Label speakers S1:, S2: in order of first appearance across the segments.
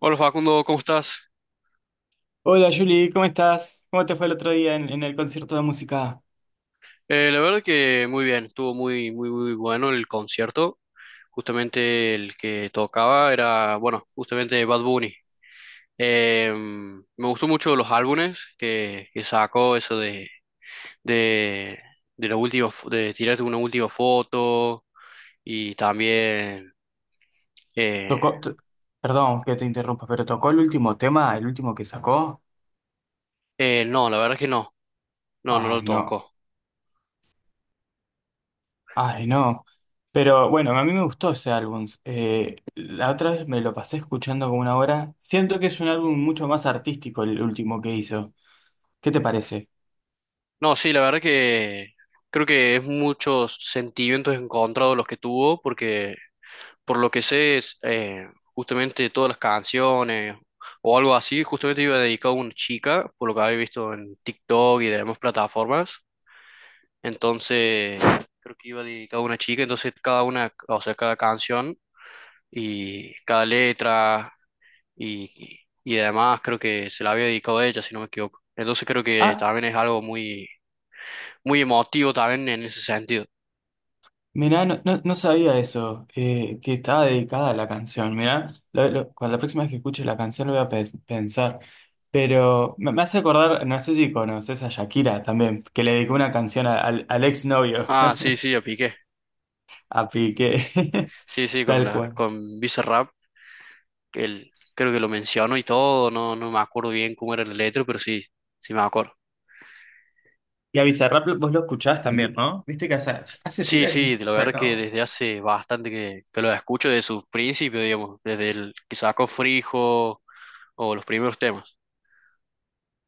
S1: Hola Facundo, ¿cómo estás?
S2: Hola Julie, ¿cómo estás? ¿Cómo te fue el otro día en el concierto de música?
S1: La verdad que muy bien, estuvo muy, muy, muy bueno el concierto. Justamente el que tocaba era, bueno, justamente Bad Bunny. Me gustó mucho los álbumes que sacó, eso de, de la última, de tirarte una última foto y también, eh,
S2: Tocó, t- Perdón que te interrumpa, pero tocó el último tema, el último que sacó.
S1: no, la verdad que no, no lo
S2: Ay, no,
S1: tocó.
S2: ay, no. Pero bueno, a mí me gustó ese álbum. La otra vez me lo pasé escuchando como una hora. Siento que es un álbum mucho más artístico el último que hizo. ¿Qué te parece?
S1: No, sí, la verdad que creo que es muchos sentimientos encontrados los que tuvo porque por lo que sé, es, justamente todas las canciones o algo así, justamente iba dedicado a una chica, por lo que había visto en TikTok y demás plataformas. Entonces, creo que iba dedicado a una chica, entonces cada una, o sea, cada canción y cada letra y además creo que se la había dedicado a ella, si no me equivoco. Entonces creo que
S2: Ah,
S1: también es algo muy, muy emotivo también en ese sentido.
S2: mirá, no, no, no sabía eso, que estaba dedicada a la canción. Mirá, cuando la próxima vez que escuche la canción lo voy a pensar. Pero me hace acordar, no sé si conoces a Shakira también, que le dedicó una canción al, al exnovio,
S1: Ah, sí, sí, yo piqué.
S2: a Piqué,
S1: Sí, sí,
S2: tal cual.
S1: con Bizarrap creo que lo menciono y todo, no me acuerdo bien cómo era el letra, pero sí, sí me acuerdo.
S2: Y a Bizarrap vos lo escuchás también, ¿no? Viste que hace
S1: Sí,
S2: pila que no
S1: sí,
S2: sé si
S1: la
S2: ha
S1: verdad es que
S2: sacado.
S1: desde hace bastante que lo escucho desde sus principios, digamos, desde el que sacó Frijo o los primeros temas.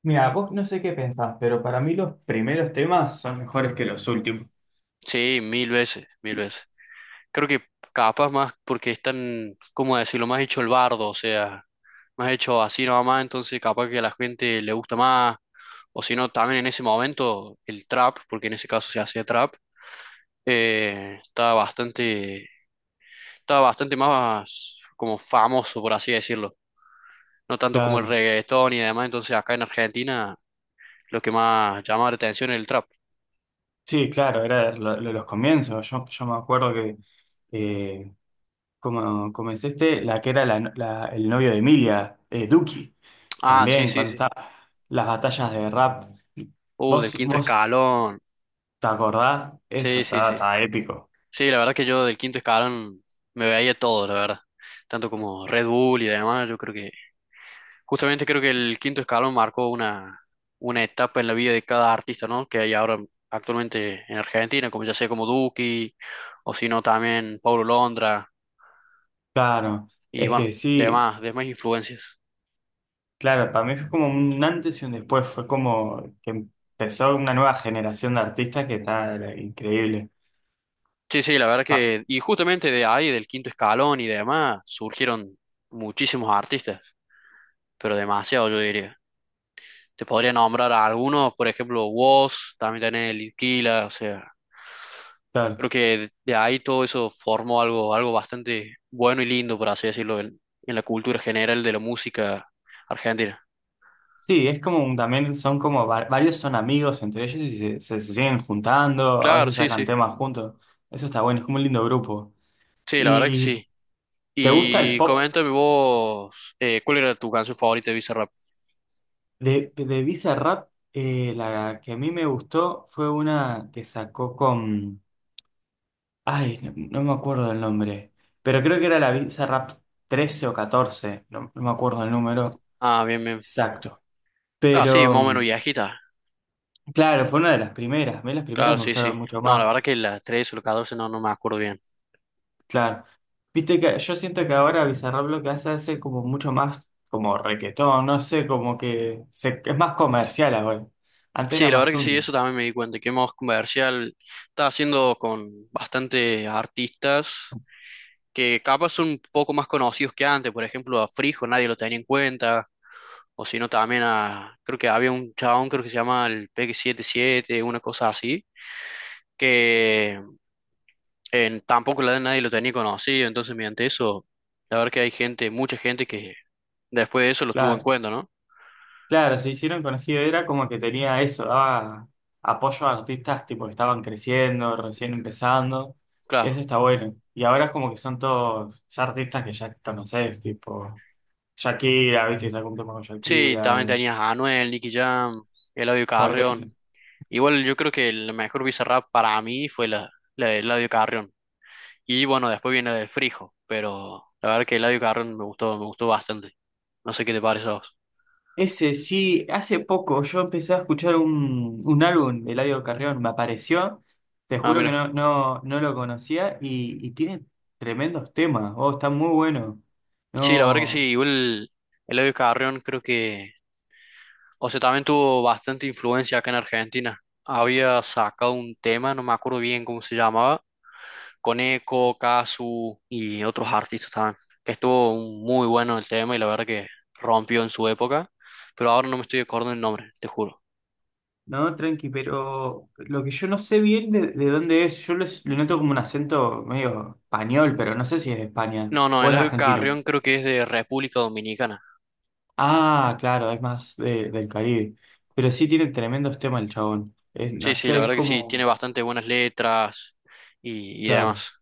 S2: Mira, vos no sé qué pensás, pero para mí los primeros temas son mejores que los últimos.
S1: Sí, mil veces, mil veces. Creo que capaz más porque están, ¿cómo decirlo? Más hecho el bardo, o sea, más hecho así nomás, entonces capaz que a la gente le gusta más, o si no, también en ese momento el trap, porque en ese caso se hacía trap, eh, estaba bastante, estaba bastante más como famoso, por así decirlo. No tanto como el
S2: Claro.
S1: reggaetón y demás, entonces acá en Argentina lo que más llamaba la atención es el trap.
S2: Sí, claro, era los comienzos. Yo me acuerdo que eh, como comencé este, la que era la no- la- el novio de Emilia, Duki,
S1: Ah, sí,
S2: también
S1: sí,
S2: cuando
S1: sí.
S2: estaba las batallas de rap.
S1: Del
S2: ¿Vos,
S1: quinto
S2: vos
S1: escalón.
S2: te acordás? Eso
S1: Sí, sí,
S2: estaba,
S1: sí.
S2: estaba épico.
S1: Sí, la verdad que yo del quinto escalón me veía todo, la verdad. Tanto como Red Bull y demás, justamente creo que el quinto escalón marcó una etapa en la vida de cada artista, ¿no? Que hay ahora actualmente en Argentina, como ya sea como Duki, o si no también Paulo Londra,
S2: Claro,
S1: y
S2: es
S1: bueno,
S2: que sí,
S1: demás, influencias.
S2: claro, para mí fue como un antes y un después. Fue como que empezó una nueva generación de artistas que está era increíble.
S1: Sí, sí,
S2: Pa-
S1: y justamente de ahí, del quinto escalón y demás, surgieron muchísimos artistas, pero demasiado, yo diría. Te podría nombrar a algunos, por ejemplo, Woz, también tenés el Inquila, o sea,
S2: claro.
S1: creo que de ahí todo eso formó algo bastante bueno y lindo, por así decirlo, en la cultura general de la música argentina.
S2: Sí, es como también son como varios son amigos entre ellos y se siguen juntando, a
S1: Claro,
S2: veces
S1: sí,
S2: sacan
S1: sí,
S2: temas juntos. Eso está bueno, es como un lindo grupo.
S1: sí, la verdad que
S2: ¿Y
S1: sí.
S2: te gusta el
S1: Y
S2: pop?
S1: coméntame vos, ¿cuál era tu canción favorita de Bizarrap?
S2: De Bizarrap, la que a mí me gustó fue una que sacó con... Ay, no, no me acuerdo del nombre, pero creo que era la Bizarrap 13 o 14 no, no me acuerdo el número
S1: Ah, bien, bien.
S2: exacto.
S1: Claro, sí,
S2: Pero,
S1: más o menos
S2: mm,
S1: viejita.
S2: claro, fue una de las primeras, a mí las primeras
S1: Claro,
S2: me
S1: sí, sí.
S2: gustaron mucho
S1: No, la
S2: más.
S1: verdad que la 13 o la 14 no me acuerdo bien.
S2: Claro. Viste que yo siento que ahora Bizarrap lo que hace como mucho más como requetón, no sé, como que es más comercial ahora. Antes era
S1: Sí, la verdad
S2: más
S1: que sí,
S2: onda.
S1: eso también me di cuenta, que Moz Comercial está haciendo con bastantes artistas que capaz son un poco más conocidos que antes, por ejemplo a Frijo nadie lo tenía en cuenta, o si no también creo que había un chabón, creo que se llama el Peque 77, una cosa así, que en, tampoco nadie lo tenía conocido, entonces mediante eso, la verdad que hay gente, mucha gente que después de eso lo tuvo en
S2: Claro,
S1: cuenta, ¿no?
S2: claro, se hicieron conocido, era como que tenía eso, daba apoyo a artistas tipo que estaban creciendo, recién empezando, y eso
S1: Claro.
S2: está bueno. Y ahora es como que son todos ya artistas que ya conoces, tipo Shakira, viste, sacó un tema con
S1: Sí, también
S2: Shakira,
S1: tenías a Anuel, Nicky Jam, Eladio
S2: por eso.
S1: Carrión. Igual yo creo que el mejor Bizarrap para mí fue la de Eladio Carrión. Y bueno, después viene la de Frijo, pero la verdad que Eladio Carrión me gustó bastante. No sé qué te parece a vos.
S2: Ese sí, hace poco yo empecé a escuchar un álbum de Eladio Carrión, me apareció, te
S1: Ah,
S2: juro que
S1: mira.
S2: no, no, no lo conocía y tiene tremendos temas, oh, está muy bueno.
S1: Sí, la verdad que sí,
S2: No,
S1: igual Eladio Carrión creo que, o sea, también tuvo bastante influencia acá en Argentina. Había sacado un tema, no me acuerdo bien cómo se llamaba, con Eco, Casu y otros artistas también, que estuvo muy bueno el tema y la verdad que rompió en su época, pero ahora no me estoy acordando el nombre, te juro.
S2: no, tranqui, pero lo que yo no sé bien de dónde es, lo noto como un acento medio español, pero no sé si es de España
S1: No, no,
S2: o es
S1: Eladio
S2: argentino.
S1: Carrión creo que es de República Dominicana.
S2: Ah, claro, es más del Caribe, pero sí tiene tremendos temas el chabón. No
S1: Sí, sí,
S2: sé,
S1: la
S2: es
S1: verdad que sí, tiene
S2: como,
S1: bastante buenas letras y
S2: claro.
S1: demás.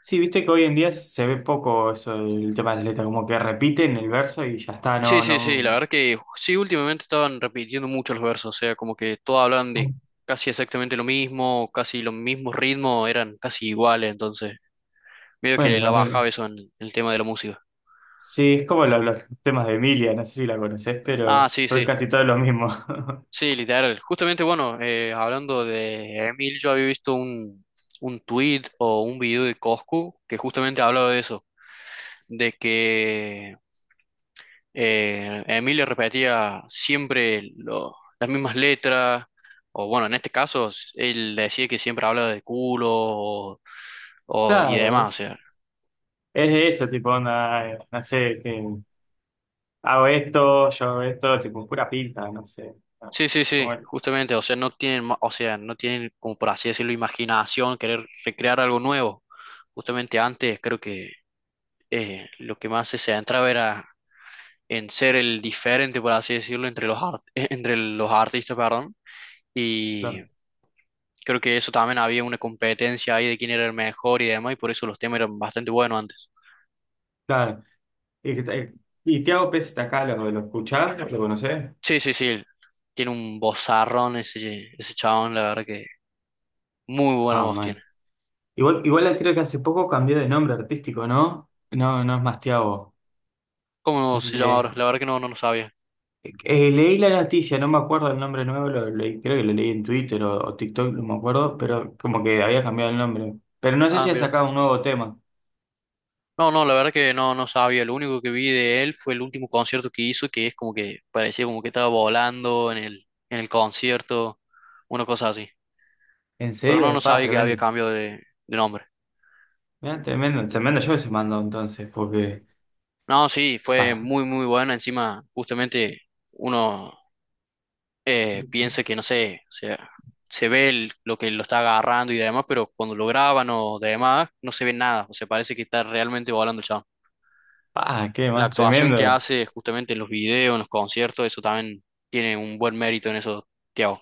S2: Sí, viste que hoy en día se ve poco eso, el tema de las letras, como que repiten el verso y ya está,
S1: Sí,
S2: no,
S1: sí, sí, la
S2: no.
S1: verdad que sí, últimamente estaban repitiendo mucho los versos, o sea, como que todos hablan de casi exactamente lo mismo, casi los mismos ritmos, eran casi iguales, entonces medio que
S2: Bueno, a
S1: la
S2: ver,
S1: bajaba eso en el tema de la música.
S2: sí, es como temas de Emilia, no sé si la conoces,
S1: Ah,
S2: pero
S1: sí,
S2: son
S1: sí,
S2: casi todos los mismos.
S1: sí, literal. Justamente, bueno, hablando de Emil, yo había visto un tweet o un video de Coscu que justamente hablaba de eso de que Emilio repetía siempre las mismas letras, o bueno, en este caso, él decía que siempre hablaba de culo o, y
S2: Claro,
S1: demás, o sea.
S2: es de eso, tipo, onda, no sé, que hago esto, yo hago esto, tipo, pura pinta, no sé. No,
S1: Sí, sí, sí,
S2: como,
S1: justamente, o sea, no tienen, o sea, no tienen, como por así decirlo, imaginación, querer recrear algo nuevo. Justamente antes creo que lo que más se centra verá, en ser el diferente, por así decirlo, entre los artistas, perdón, y
S2: claro,
S1: creo que eso también había una competencia ahí de quién era el mejor y demás, y por eso los temas eran bastante buenos antes.
S2: claro. Y, que te- y Tiago Pez está acá, ¿lo escuchás? ¿Lo conocés?
S1: Sí, sí, sí, tiene un vozarrón ese chabón, la verdad que muy buena voz
S2: Ah,
S1: tiene.
S2: igual, igual creo que hace poco cambió de nombre artístico, ¿no? No, no es más Tiago.
S1: ¿Cómo
S2: No sé
S1: se
S2: si
S1: llama
S2: es...
S1: ahora? La verdad que no, no, lo sabía.
S2: leí la noticia, no me acuerdo el nombre nuevo, creo que lo leí en Twitter o TikTok, no me acuerdo, pero como que había cambiado el nombre. Pero no sé
S1: Ah,
S2: si ha
S1: mira.
S2: sacado un nuevo tema.
S1: No, no, la verdad que no sabía. Lo único que vi de él fue el último concierto que hizo, que es como que parecía como que estaba volando en el concierto, una cosa así.
S2: ¿En
S1: Pero no
S2: serio? Pa,
S1: sabía que había
S2: tremendo.
S1: cambio de nombre.
S2: Mirá, tremendo, tremendo yo se mandó entonces, porque...
S1: No, sí,
S2: Pa,
S1: fue muy, muy bueno. Encima, justamente uno piensa que, no sé, o sea, se ve lo que lo está agarrando y demás, pero cuando lo graban o demás, no se ve nada. O sea, parece que está realmente volando el chabón.
S2: pa, qué
S1: La
S2: más,
S1: actuación que
S2: tremendo.
S1: hace justamente en los videos, en los conciertos, eso también tiene un buen mérito en eso, Tiago.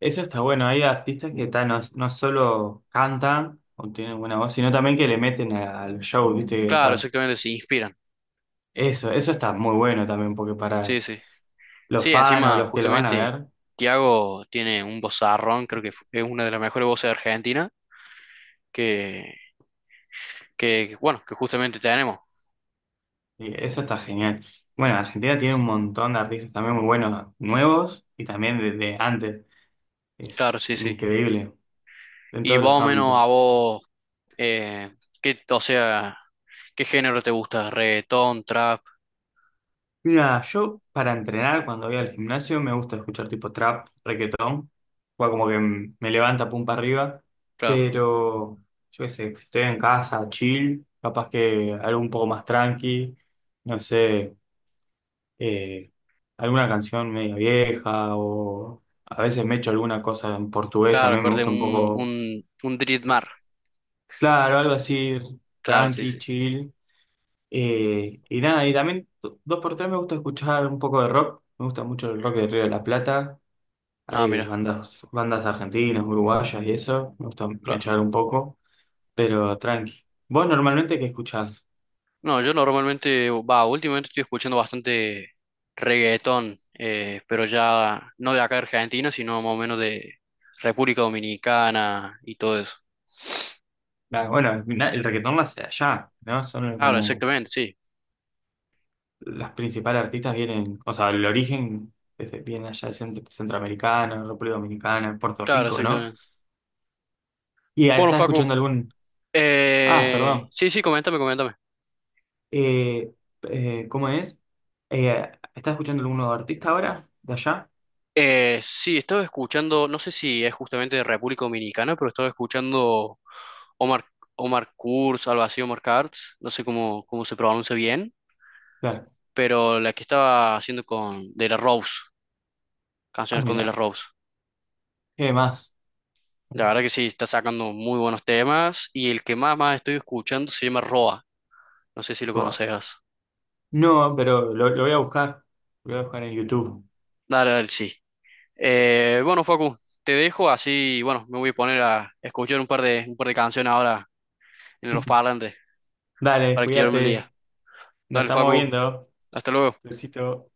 S2: Eso está bueno, hay artistas que ta, no, no solo cantan o tienen buena voz, sino también que le meten al show, ¿viste?
S1: Claro,
S2: Esas
S1: exactamente, se inspiran.
S2: eso, eso está muy bueno también, porque
S1: Sí,
S2: para
S1: sí.
S2: los
S1: Sí,
S2: fans o
S1: encima,
S2: los que los van a
S1: justamente,
S2: ver,
S1: Tiago tiene un vozarrón, creo que es una de las mejores voces de Argentina, que, que bueno, que justamente tenemos.
S2: y eso está genial. Bueno, Argentina tiene un montón de artistas también muy buenos, nuevos y también de antes.
S1: Claro,
S2: Es
S1: sí, sí.
S2: increíble en
S1: Y
S2: todos
S1: más
S2: los
S1: o menos
S2: ámbitos.
S1: a vos, eh, ¿qué, o sea, qué género te gusta? ¿Reggaetón, trap?
S2: Mira, yo para entrenar cuando voy al gimnasio me gusta escuchar tipo trap, reggaetón, o como que me levanta pum para arriba,
S1: Claro,
S2: pero yo qué sé, si estoy en casa, chill, capaz que algo un poco más tranqui, no sé. eh, Alguna canción media vieja o a veces me echo alguna cosa en portugués,
S1: claro,
S2: también me
S1: acorde
S2: gusta un
S1: un,
S2: poco,
S1: un, un Dritmar.
S2: claro, algo así,
S1: Claro, sí,
S2: tranqui,
S1: sí.
S2: chill. Y nada, y también dos por tres me gusta escuchar un poco de rock, me gusta mucho el rock de Río de la Plata,
S1: Ah,
S2: hay
S1: mira,
S2: bandas, bandas argentinas, uruguayas y eso, me gusta
S1: claro.
S2: echar un poco, pero tranqui. ¿Vos normalmente qué escuchás?
S1: No, yo normalmente, va, últimamente estoy escuchando bastante reggaetón, pero ya no de acá de Argentina, sino más o menos de República Dominicana y todo eso.
S2: Ah, bueno, el reggaetón nace allá, ¿no? Son
S1: Claro,
S2: como
S1: exactamente, sí.
S2: las principales artistas vienen, o sea, el origen desde, viene allá de Centroamericana, República Dominicana, Puerto
S1: Claro,
S2: Rico, ¿no?
S1: exactamente.
S2: Y ah,
S1: Bueno,
S2: estás
S1: Facu,
S2: escuchando algún, ah, perdón,
S1: sí, sí, coméntame, coméntame.
S2: eh, ¿cómo es? ¿Estás escuchando algún nuevo artista ahora, de allá?
S1: Sí, estaba escuchando, no sé si es justamente de República Dominicana, pero estaba escuchando Omar, Omar Kurz, algo así, Omar Kurz, no sé cómo se pronuncia bien.
S2: Claro.
S1: Pero la que estaba haciendo con De La Rose,
S2: Ah,
S1: canciones con De La
S2: mira,
S1: Rose.
S2: ¿qué más?
S1: La verdad que sí, está sacando muy buenos temas y el que más estoy escuchando se llama Roa, no sé si lo
S2: Buah.
S1: conocerás.
S2: No, pero lo voy a buscar, lo voy a buscar en YouTube.
S1: Dale, dale, sí. Bueno, Facu, te dejo así, bueno, me voy a poner a escuchar un par de canciones ahora en los parlantes
S2: Dale,
S1: para activarme el día.
S2: cuídate, nos
S1: Dale,
S2: estamos
S1: Facu,
S2: viendo.
S1: hasta luego.
S2: Besito.